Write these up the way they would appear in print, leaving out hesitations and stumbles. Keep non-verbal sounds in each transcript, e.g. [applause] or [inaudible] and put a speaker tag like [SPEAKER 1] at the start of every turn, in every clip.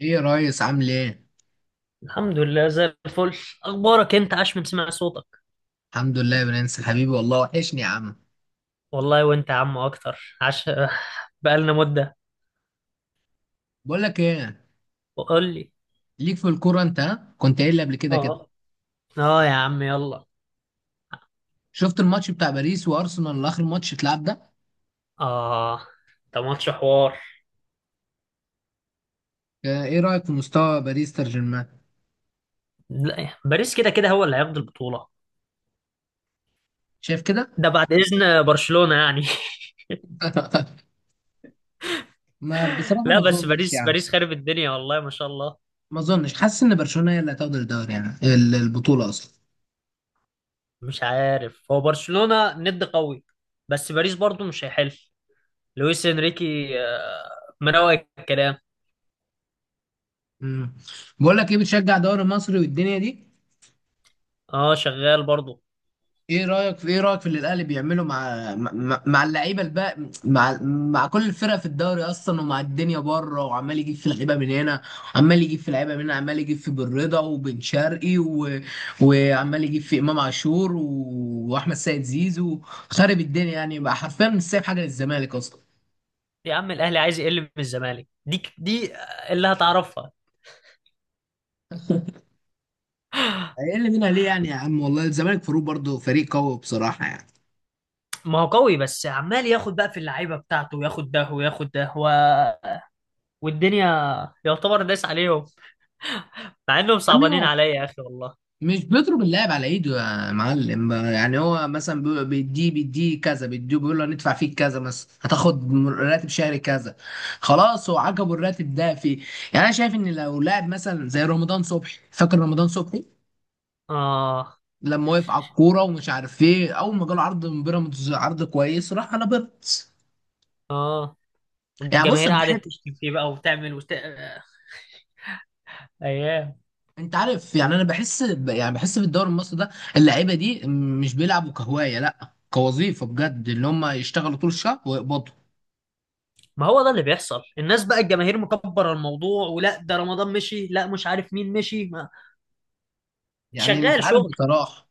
[SPEAKER 1] ايه يا ريس، عامل ايه؟
[SPEAKER 2] الحمد لله زي الفل. اخبارك إيه؟ انت عاش من سمع صوتك.
[SPEAKER 1] الحمد لله يا برنس حبيبي، والله وحشني يا عم.
[SPEAKER 2] والله وانت يا عم اكتر عاش. [laughs] بقالنا مدة.
[SPEAKER 1] بقول لك ايه،
[SPEAKER 2] وقول لي.
[SPEAKER 1] ليك في الكوره انت ها؟ كنت قايل لي قبل كده كده.
[SPEAKER 2] اه. اه يا عم يلا.
[SPEAKER 1] شفت الماتش بتاع باريس وارسنال اللي اخر ماتش اتلعب ده؟
[SPEAKER 2] اه، ده ماتش حوار.
[SPEAKER 1] ايه رايك في مستوى باريس سان جيرمان؟
[SPEAKER 2] لا، باريس كده كده هو اللي هياخد البطولة.
[SPEAKER 1] شايف كده؟
[SPEAKER 2] ده بعد اذن برشلونة يعني.
[SPEAKER 1] [laughs] ما
[SPEAKER 2] [laughs]
[SPEAKER 1] بصراحه ما
[SPEAKER 2] لا، بس
[SPEAKER 1] اظنش
[SPEAKER 2] باريس
[SPEAKER 1] يعني.
[SPEAKER 2] باريس خارب الدنيا، والله ما شاء الله.
[SPEAKER 1] ما اظنش، حاسس ان برشلونه هي اللي هتاخد الدوري يعني البطوله اصلا.
[SPEAKER 2] مش عارف، هو برشلونة ند قوي، بس باريس برضو مش هيحل. لويس انريكي مروق الكلام.
[SPEAKER 1] مم. بقول لك ايه، بتشجع دوري مصري والدنيا دي؟
[SPEAKER 2] اه، شغال برضو.
[SPEAKER 1] ايه رايك في اللي الاهلي بيعمله مع اللعيبه الباقي مع كل الفرق في الدوري اصلا، ومع الدنيا بره، وعمال يجيب في لعيبه من هنا، عمال يجيب في لعيبه من هنا، عمال يجيب في بن رضا وبن شرقي و وعمال يجيب في امام عاشور و واحمد سيد زيزو. خارب الدنيا يعني بقى حرفيا، مش سايب حاجه للزمالك اصلا.
[SPEAKER 2] يا عم الاهلي عايز يقل من الزمالك دي اللي هتعرفها.
[SPEAKER 1] اقل منها ليه يعني يا عم؟ والله الزمالك فاروق برضه فريق قوي بصراحه يعني.
[SPEAKER 2] ما هو قوي، بس عمال ياخد بقى في اللعيبه بتاعته وياخد ده وياخد ده و... والدنيا، يعتبر داس عليهم، مع انهم
[SPEAKER 1] عمي،
[SPEAKER 2] صعبانين عليا يا اخي والله.
[SPEAKER 1] مش بيضرب اللاعب على ايده. يا معلم، يعني هو مثلا بيديه بيديه كذا، بيديه بيقول له هندفع فيك كذا مثلا، هتاخد راتب شهري كذا. خلاص هو عجبه الراتب ده فيه. يعني انا شايف ان لو لاعب مثلا زي رمضان صبحي، فاكر رمضان صبحي؟
[SPEAKER 2] اه
[SPEAKER 1] لما وقف على الكوره ومش عارف ايه، اول ما جاله عرض من بيراميدز عرض كويس راح على بيراميدز.
[SPEAKER 2] اه،
[SPEAKER 1] يعني بص
[SPEAKER 2] والجماهير
[SPEAKER 1] انا بحب،
[SPEAKER 2] قعدت تشتم فيه بقى وتعمل وت... آه، ايام.
[SPEAKER 1] انت عارف؟ يعني انا بحس يعني بحس في الدوري المصري ده، اللعيبه دي مش بيلعبوا كهوايه، لا كوظيفه بجد، اللي هم يشتغلوا طول الشهر ويقبضوا.
[SPEAKER 2] ما هو ده اللي بيحصل، الناس بقى الجماهير مكبره الموضوع، ولا ده رمضان مشي، لا مش عارف مين مشي ما...
[SPEAKER 1] يعني مش
[SPEAKER 2] شغال
[SPEAKER 1] عارف
[SPEAKER 2] شغل.
[SPEAKER 1] بصراحة.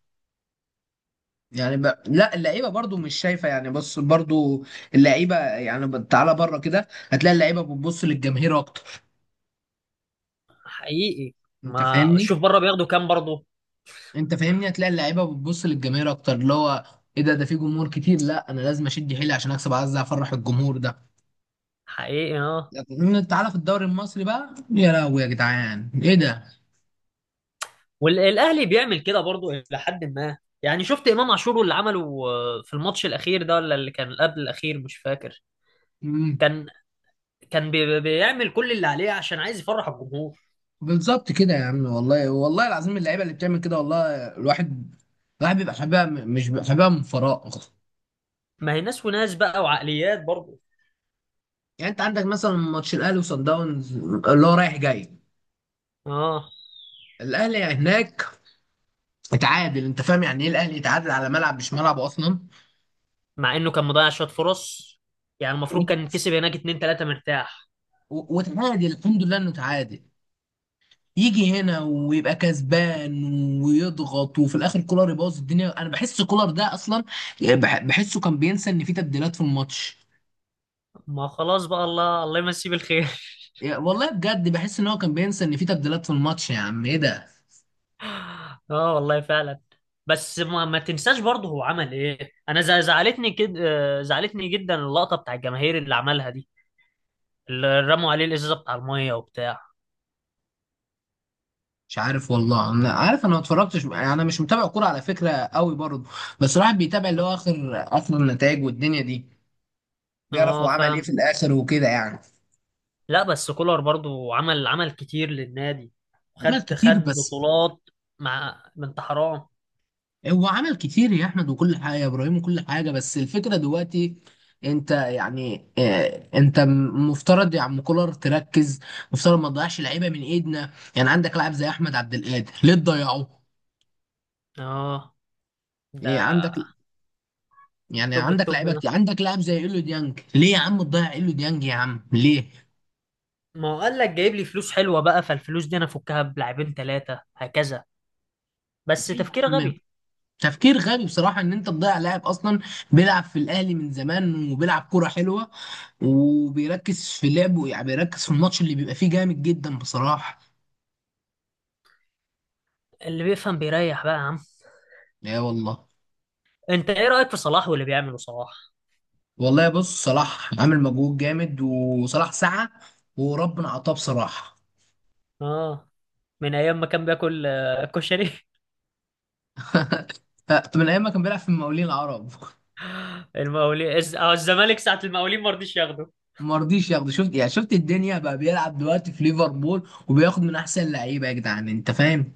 [SPEAKER 1] يعني لا، اللعيبة برضو مش شايفة يعني. بص، برضو اللعيبة يعني تعالى بره كده هتلاقي اللعيبة بتبص للجماهير أكتر.
[SPEAKER 2] حقيقي.
[SPEAKER 1] أنت
[SPEAKER 2] ما
[SPEAKER 1] فاهمني؟
[SPEAKER 2] شوف بره بياخدوا كام برضه.
[SPEAKER 1] أنت فاهمني، هتلاقي اللعيبة بتبص للجماهير أكتر، اللي هو إيه ده؟ ده في جمهور كتير، لا أنا لازم أشد حيلي عشان أكسب، عايز أفرح الجمهور ده.
[SPEAKER 2] حقيقي، اه،
[SPEAKER 1] لكن تعالى في الدوري المصري بقى، يا لهوي يا جدعان إيه ده؟
[SPEAKER 2] والاهلي بيعمل كده برضو الى حد ما، يعني شفت امام عاشور اللي عمله، في الماتش الاخير ده ولا اللي كان قبل الاخير مش فاكر.
[SPEAKER 1] مم.
[SPEAKER 2] كان بيعمل كل اللي عليه عشان عايز يفرح الجمهور.
[SPEAKER 1] بالظبط كده يا عم، والله والله العظيم، اللعيبة اللي بتعمل كده، والله الواحد الواحد بيبقى حبيبها، مش بيبقى حبيبها من فراغ.
[SPEAKER 2] ما هي ناس وناس بقى وعقليات برضو.
[SPEAKER 1] يعني انت عندك مثلا ماتش الاهلي وصن داونز اللي هو رايح جاي،
[SPEAKER 2] اه،
[SPEAKER 1] الاهلي هناك اتعادل، انت فاهم يعني ايه الاهلي يتعادل على ملعب مش ملعبه اصلا؟
[SPEAKER 2] مع انه كان مضيع شويه فرص، يعني المفروض كان
[SPEAKER 1] وت-
[SPEAKER 2] كسب هناك 2 3 مرتاح.
[SPEAKER 1] وتعادل الحمد لله انه تعادل، يجي هنا ويبقى كسبان ويضغط، وفي الاخر كولر يبوظ الدنيا. انا بحس كولر ده اصلا بحسه كان بينسى ان في تبديلات في الماتش.
[SPEAKER 2] ما خلاص بقى، الله الله يمسيه بالخير.
[SPEAKER 1] والله بجد بحس ان هو كان بينسى ان في تبديلات في الماتش، يا عم ايه ده؟
[SPEAKER 2] [laughs] اه والله فعلا. بس ما تنساش برضه هو عمل ايه، انا زعلتني كده، زعلتني جدا اللقطه بتاع الجماهير اللي عملها دي، اللي رموا عليه الازازه بتاع الميه وبتاع.
[SPEAKER 1] مش عارف والله، انا عارف، انا ما اتفرجتش يعني، انا مش متابع كوره على فكره قوي برضه، بس الواحد بيتابع اللي هو اخر، اخر النتائج والدنيا دي، بيعرف هو
[SPEAKER 2] اه
[SPEAKER 1] عمل ايه
[SPEAKER 2] فاهم.
[SPEAKER 1] في الاخر وكده يعني.
[SPEAKER 2] لا بس كولر برضو عمل عمل كتير للنادي،
[SPEAKER 1] عمل
[SPEAKER 2] خد خد
[SPEAKER 1] كتير بس،
[SPEAKER 2] بطولات، مع بنت حرام.
[SPEAKER 1] هو عمل كتير يا احمد وكل حاجه، يا ابراهيم وكل حاجه، بس الفكره دلوقتي انت يعني انت مفترض يا عم كولر تركز، مفترض ما تضيعش لعيبه من ايدنا. يعني عندك لاعب زي احمد عبد القادر، ليه تضيعه؟
[SPEAKER 2] اه ده
[SPEAKER 1] إيه، عندك، يعني
[SPEAKER 2] توب
[SPEAKER 1] عندك
[SPEAKER 2] التوب
[SPEAKER 1] لعيبه
[SPEAKER 2] ده.
[SPEAKER 1] كتير، عندك لاعب زي ايلو ديانج، ليه يا عم تضيع ايلو ديانج يا عم، ليه؟
[SPEAKER 2] ما هو قال لك جايب لي فلوس حلوه بقى، فالفلوس دي انا افكها بلاعبين 3 هكذا، بس
[SPEAKER 1] ليه يا
[SPEAKER 2] تفكير
[SPEAKER 1] عم؟
[SPEAKER 2] غبي.
[SPEAKER 1] تفكير غبي بصراحه ان انت تضيع لاعب اصلا بيلعب في الاهلي من زمان، وبيلعب كوره حلوه، وبيركز في لعبه، يعني بيركز في الماتش اللي بيبقى فيه جامد جدا بصراحه.
[SPEAKER 2] اللي بيفهم بيريح بقى يا عم.
[SPEAKER 1] لا والله.
[SPEAKER 2] انت ايه رايك في صلاح واللي بيعمله صلاح؟
[SPEAKER 1] والله بص، صلاح عامل مجهود جامد، وصلاح سعى وربنا اعطاه بصراحه.
[SPEAKER 2] اه، من ايام ما كان بياكل كشري.
[SPEAKER 1] من ايام ما كان بيلعب في المقاولين العرب. [laughs]
[SPEAKER 2] [laughs] المقاولين الزمالك ساعه المقاولين ما رضيش ياخده.
[SPEAKER 1] ما رضيش ياخده، شفت يعني؟ شفت الدنيا بقى بيلعب دلوقتي في ليفربول وبياخد من احسن لعيبه، يا جدعان انت فاهم؟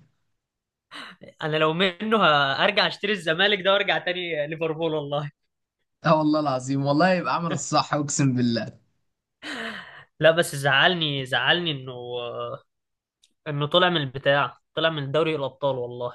[SPEAKER 2] انا لو منه هرجع اشتري الزمالك ده وارجع تاني ليفربول والله.
[SPEAKER 1] اه والله العظيم، والله يبقى عمل الصح اقسم بالله.
[SPEAKER 2] لا بس زعلني انه طلع من البتاع، طلع من دوري الابطال والله.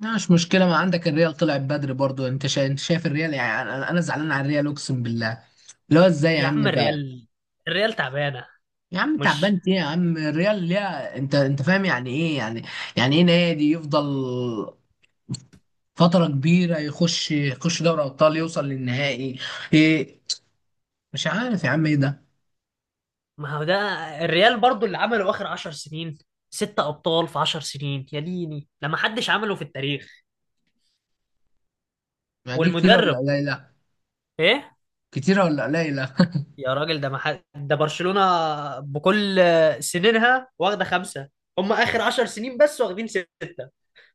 [SPEAKER 1] لا، مش مشكله، ما عندك الريال طلع بدري برضو، انت انت شايف الريال؟ يعني أنا زعلان على الريال اقسم بالله، اللي هو ازاي يا
[SPEAKER 2] يا
[SPEAKER 1] عم
[SPEAKER 2] عم
[SPEAKER 1] ده؟
[SPEAKER 2] الريال تعبانه.
[SPEAKER 1] يا عم
[SPEAKER 2] مش.
[SPEAKER 1] تعبان ايه يا عم الريال ليها؟ انت فاهم يعني ايه يعني؟ يعني ايه نادي يفضل فتره كبيره، يخش دوري ابطال يوصل للنهائي؟ ايه؟ مش عارف يا عم ايه ده.
[SPEAKER 2] ما هو ده، الريال برضو اللي عمله اخر 10 سنين، 6 ابطال في 10 سنين يا ديني، ده ما حدش عمله في التاريخ.
[SPEAKER 1] يعني دي كتيره ولا
[SPEAKER 2] والمدرب
[SPEAKER 1] قليله؟
[SPEAKER 2] ايه؟
[SPEAKER 1] كتيرة ولا قليلة؟ [laughs]
[SPEAKER 2] يا راجل ده، ما حد، ده برشلونة بكل سنينها واخده 5، هم اخر 10 سنين بس واخدين 6.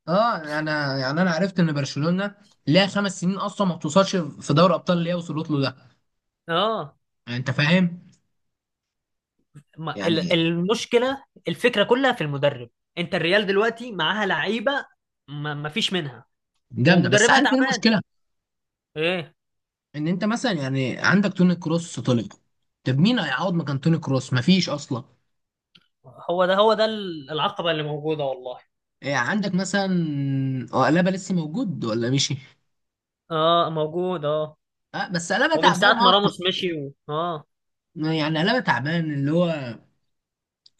[SPEAKER 1] اه انا يعني، انا عرفت ان برشلونة ليها 5 سنين اصلا ما بتوصلش في دوري ابطال اللي هي وصلت له ده،
[SPEAKER 2] اه،
[SPEAKER 1] يعني انت فاهم؟
[SPEAKER 2] ما
[SPEAKER 1] يعني
[SPEAKER 2] ال- المشكله الفكره كلها في المدرب. انت الريال دلوقتي معاها لعيبه، ما فيش منها،
[SPEAKER 1] جامدة، بس
[SPEAKER 2] ومدربها
[SPEAKER 1] عارف ايه
[SPEAKER 2] تعبان.
[SPEAKER 1] المشكلة؟
[SPEAKER 2] ايه.
[SPEAKER 1] ان انت مثلا يعني عندك توني كروس طلع، طب مين هيعوض مكان توني كروس؟ مفيش اصلا.
[SPEAKER 2] هو ده العقبه اللي موجوده والله.
[SPEAKER 1] إيه عندك مثلا، هو قلابة لسه موجود ولا مشي؟
[SPEAKER 2] اه موجود اه.
[SPEAKER 1] اه بس قلابة
[SPEAKER 2] ومن
[SPEAKER 1] تعبان
[SPEAKER 2] ساعه ما
[SPEAKER 1] اصلا.
[SPEAKER 2] راموس مشي، و... اه.
[SPEAKER 1] يعني قلابة تعبان، اللي هو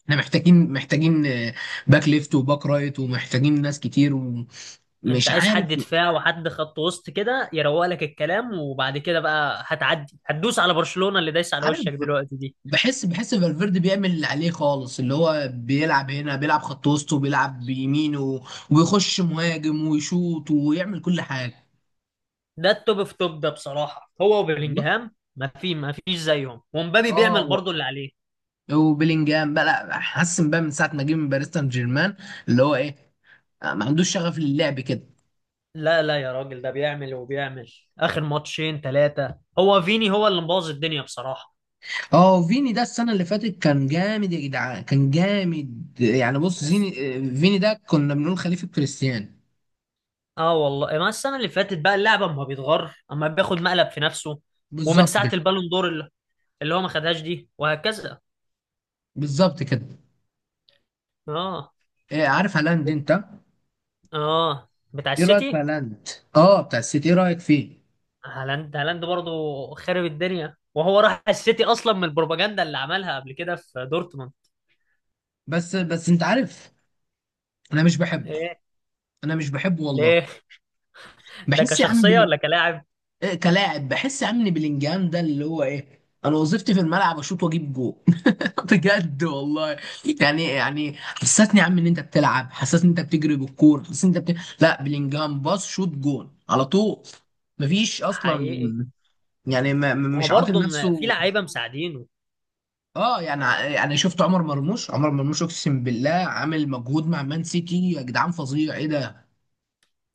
[SPEAKER 1] احنا محتاجين، باك ليفت وباك رايت، ومحتاجين ناس كتير ومش
[SPEAKER 2] انت عايز
[SPEAKER 1] عارف.
[SPEAKER 2] حد دفاع وحد خط وسط كده، يروق لك الكلام، وبعد كده بقى هتعدي، هتدوس على برشلونه اللي دايس على
[SPEAKER 1] عارف،
[SPEAKER 2] وشك دلوقتي دي.
[SPEAKER 1] بحس فالفيردي بيعمل اللي عليه خالص، اللي هو بيلعب هنا، بيلعب خط وسط وبيلعب بيمينه ويخش مهاجم ويشوط ويعمل كل حاجه.
[SPEAKER 2] ده التوب في توب ده بصراحه، هو
[SPEAKER 1] والله
[SPEAKER 2] وبيلينجهام ما فيش زيهم، ومبابي
[SPEAKER 1] اه
[SPEAKER 2] بيعمل برضه اللي عليه.
[SPEAKER 1] وبيلينجهام بقى لا، حسن بقى من ساعه ما جه من باريس سان جيرمان، اللي هو ايه ما عندوش شغف للعب كده.
[SPEAKER 2] لا لا يا راجل، ده بيعمل وبيعمل، اخر ماتشين ثلاثه هو فيني هو اللي مبوظ الدنيا بصراحه.
[SPEAKER 1] اه وفيني ده السنه اللي فاتت كان جامد، يا جدعان كان جامد، يعني بص زيني
[SPEAKER 2] بس
[SPEAKER 1] فيني ده كنا بنقول خليفه كريستيانو.
[SPEAKER 2] اه والله، ما السنه اللي فاتت بقى اللعبه، اما بيتغر اما بياخد مقلب في نفسه. ومن
[SPEAKER 1] بالظبط
[SPEAKER 2] ساعه
[SPEAKER 1] كده،
[SPEAKER 2] البالون دور، اللي هو ما خدهاش دي وهكذا.
[SPEAKER 1] بالظبط كده.
[SPEAKER 2] اه
[SPEAKER 1] عارف هالاند انت؟
[SPEAKER 2] اه بتاع
[SPEAKER 1] ايه رايك في
[SPEAKER 2] السيتي.
[SPEAKER 1] هالاند، اه بتاع السيتي، ايه رايك فيه؟
[SPEAKER 2] هالاند هالاند برضه خارب الدنيا، وهو راح السيتي اصلا من البروباجندا اللي عملها قبل كده في دورتموند.
[SPEAKER 1] بس بس انت عارف، انا مش بحبه،
[SPEAKER 2] ليه
[SPEAKER 1] انا مش بحبه
[SPEAKER 2] ليه،
[SPEAKER 1] والله.
[SPEAKER 2] ده
[SPEAKER 1] بحس يا عم
[SPEAKER 2] كشخصيه ولا كلاعب؟
[SPEAKER 1] إيه كلاعب، بحس يا عم بلينجهام ده اللي هو ايه، انا وظيفتي في الملعب اشوط واجيب جول، [laughs] بجد والله. يعني حسسني يا عم ان انت بتلعب، حسسني ان انت بتجري بالكوره، حسسني ان انت لا، بلينجهام باص شوط جول على طول، مفيش
[SPEAKER 2] حقيقي.
[SPEAKER 1] اصلا. يعني ما
[SPEAKER 2] ما هو
[SPEAKER 1] مش عاطل
[SPEAKER 2] برضه في
[SPEAKER 1] نفسه،
[SPEAKER 2] لعيبه مساعدين.
[SPEAKER 1] اه يعني. يعني شفت عمر مرموش، عمر مرموش اقسم بالله عامل مجهود مع مان سيتي، يا جدعان فظيع ايه ده.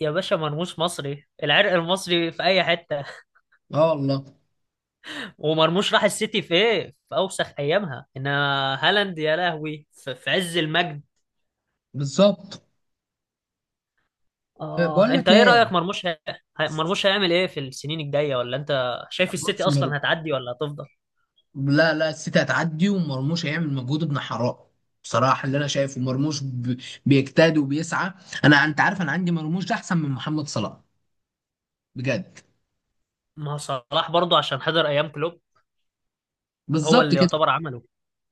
[SPEAKER 2] يا باشا مرموش مصري، العرق المصري في اي حته.
[SPEAKER 1] اه والله.
[SPEAKER 2] [laughs] ومرموش راح السيتي في ايه، في اوسخ ايامها، انما هالاند يا لهوي في عز المجد.
[SPEAKER 1] بالظبط.
[SPEAKER 2] اه
[SPEAKER 1] بقول
[SPEAKER 2] انت
[SPEAKER 1] لك
[SPEAKER 2] ايه
[SPEAKER 1] ايه،
[SPEAKER 2] رايك مرموش مرموش هيعمل ايه في السنين الجايه، ولا انت شايف السيتي
[SPEAKER 1] بص مر...
[SPEAKER 2] اصلا هتعدي ولا هتفضل؟
[SPEAKER 1] لا لا السيتي هتعدي، ومرموش هيعمل مجهود ابن حرام بصراحه. اللي انا شايفه مرموش بيجتهد وبيسعى. انا انت عارف، انا عندي مرموش ده احسن من محمد صلاح، بجد.
[SPEAKER 2] ما هو صلاح برضه عشان حضر ايام كلوب، هو
[SPEAKER 1] بالظبط
[SPEAKER 2] اللي
[SPEAKER 1] كده.
[SPEAKER 2] يعتبر عمله.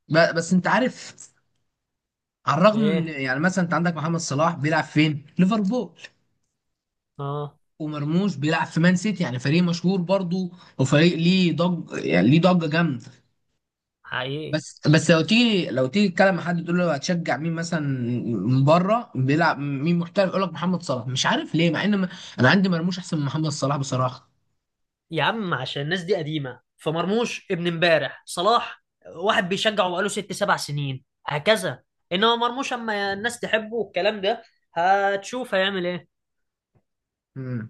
[SPEAKER 1] بس انت عارف، على الرغم من
[SPEAKER 2] ايه.
[SPEAKER 1] يعني مثلا انت عندك محمد صلاح، بيلعب فين؟ ليفربول،
[SPEAKER 2] اه.
[SPEAKER 1] ومرموش بيلعب في مان سيتي، يعني فريق مشهور برضو، وفريق ليه ضج يعني، ليه ضجه جامده.
[SPEAKER 2] حقيقي.
[SPEAKER 1] بس بس لو تيجي تتكلم مع حد تقول له هتشجع مين مثلا، من بره بيلعب مين محترف؟ يقول لك محمد صلاح، مش عارف ليه، مع ان انا عندي مرموش احسن من محمد صلاح بصراحه.
[SPEAKER 2] يا عم عشان الناس دي قديمة، فمرموش ابن امبارح، صلاح واحد بيشجعه بقاله 6 7 سنين هكذا، انما مرموش اما الناس تحبه والكلام ده، هتشوف هيعمل ايه.
[SPEAKER 1] مم.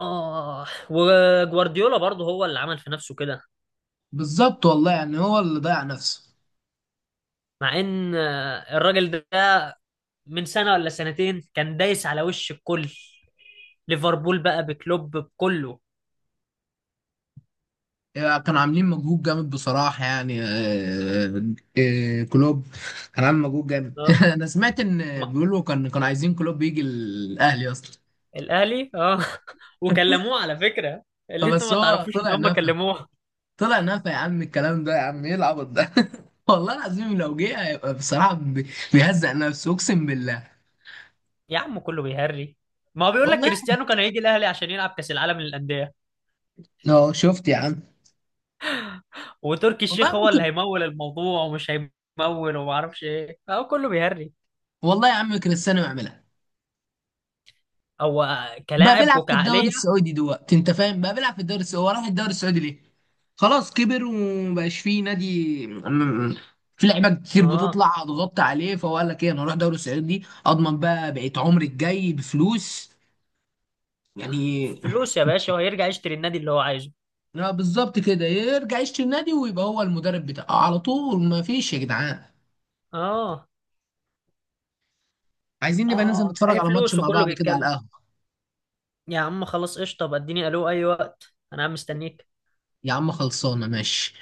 [SPEAKER 2] اه وجوارديولا برضه هو اللي عمل في نفسه كده.
[SPEAKER 1] بالظبط والله، يعني هو اللي ضيع نفسه.
[SPEAKER 2] مع ان الراجل ده من سنة ولا سنتين كان دايس على وش الكل، ليفربول بقى بكلوب بكله.
[SPEAKER 1] يعني كانوا عاملين مجهود جامد بصراحه يعني كلوب كان عامل مجهود جامد. [laughs]
[SPEAKER 2] اه
[SPEAKER 1] انا سمعت ان
[SPEAKER 2] ما-
[SPEAKER 1] بيقولوا كانوا عايزين كلوب يجي الاهلي اصلا.
[SPEAKER 2] الاهلي اه [laughs] وكلموه على فكرة، اللي انتوا
[SPEAKER 1] فبس
[SPEAKER 2] ما
[SPEAKER 1] هو
[SPEAKER 2] تعرفوش ان
[SPEAKER 1] طلع
[SPEAKER 2] هم
[SPEAKER 1] نفى،
[SPEAKER 2] كلموه.
[SPEAKER 1] طلع نفى يا عم الكلام ده، يا عم ايه العبط ده، [laughs] والله العظيم لو جه هيبقى بصراحة بيهزق نفسه اقسم بالله.
[SPEAKER 2] يا عم كله بيهري، ما هو بيقول لك
[SPEAKER 1] والله.
[SPEAKER 2] كريستيانو كان هيجي الاهلي عشان يلعب كاس العالم للانديه،
[SPEAKER 1] اه شفت يا عم.
[SPEAKER 2] وتركي الشيخ
[SPEAKER 1] والله
[SPEAKER 2] هو اللي
[SPEAKER 1] ممكن،
[SPEAKER 2] هيمول الموضوع ومش هيمول وما اعرفش ايه، هو كله بيهري.
[SPEAKER 1] والله يا عم كريستيانو يعملها،
[SPEAKER 2] هو
[SPEAKER 1] بقى
[SPEAKER 2] كلاعب
[SPEAKER 1] بيلعب في الدوري
[SPEAKER 2] وكعقليه.
[SPEAKER 1] السعودي دلوقتي، انت فاهم، بقى بيلعب في الدوري السعودي، هو راح الدوري السعودي ليه؟ خلاص كبر ومبقاش فيه نادي في لعيبه كتير
[SPEAKER 2] اه
[SPEAKER 1] بتطلع هتغطي عليه، فهو قال لك ايه، انا اروح دوري السعودي اضمن بقى بقيت عمري الجاي بفلوس يعني.
[SPEAKER 2] فلوس يا باشا، وهيرجع يشتري النادي اللي هو عايزه.
[SPEAKER 1] لا بالظبط كده، يرجع يشتري النادي ويبقى هو المدرب بتاعه على طول، ما فيش يا جدعان.
[SPEAKER 2] اه
[SPEAKER 1] عايزين نبقى ننزل
[SPEAKER 2] اه
[SPEAKER 1] نتفرج
[SPEAKER 2] هي
[SPEAKER 1] على ماتش
[SPEAKER 2] فلوس
[SPEAKER 1] مع
[SPEAKER 2] وكله
[SPEAKER 1] بعض كده على
[SPEAKER 2] بيتكلم.
[SPEAKER 1] القهوة.
[SPEAKER 2] يا عم خلاص قشطه، طب اديني الو اي وقت، انا عم مستنيك.
[SPEAKER 1] يا عم خلصانة ماشي.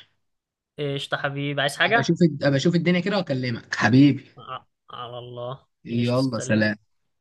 [SPEAKER 2] قشطه حبيبي، عايز
[SPEAKER 1] ابقى
[SPEAKER 2] حاجه؟
[SPEAKER 1] اشوف ابقى اشوف الدنيا كده واكلمك حبيبي.
[SPEAKER 2] ع- على الله. قشطه
[SPEAKER 1] يلا
[SPEAKER 2] سلام.
[SPEAKER 1] سلام.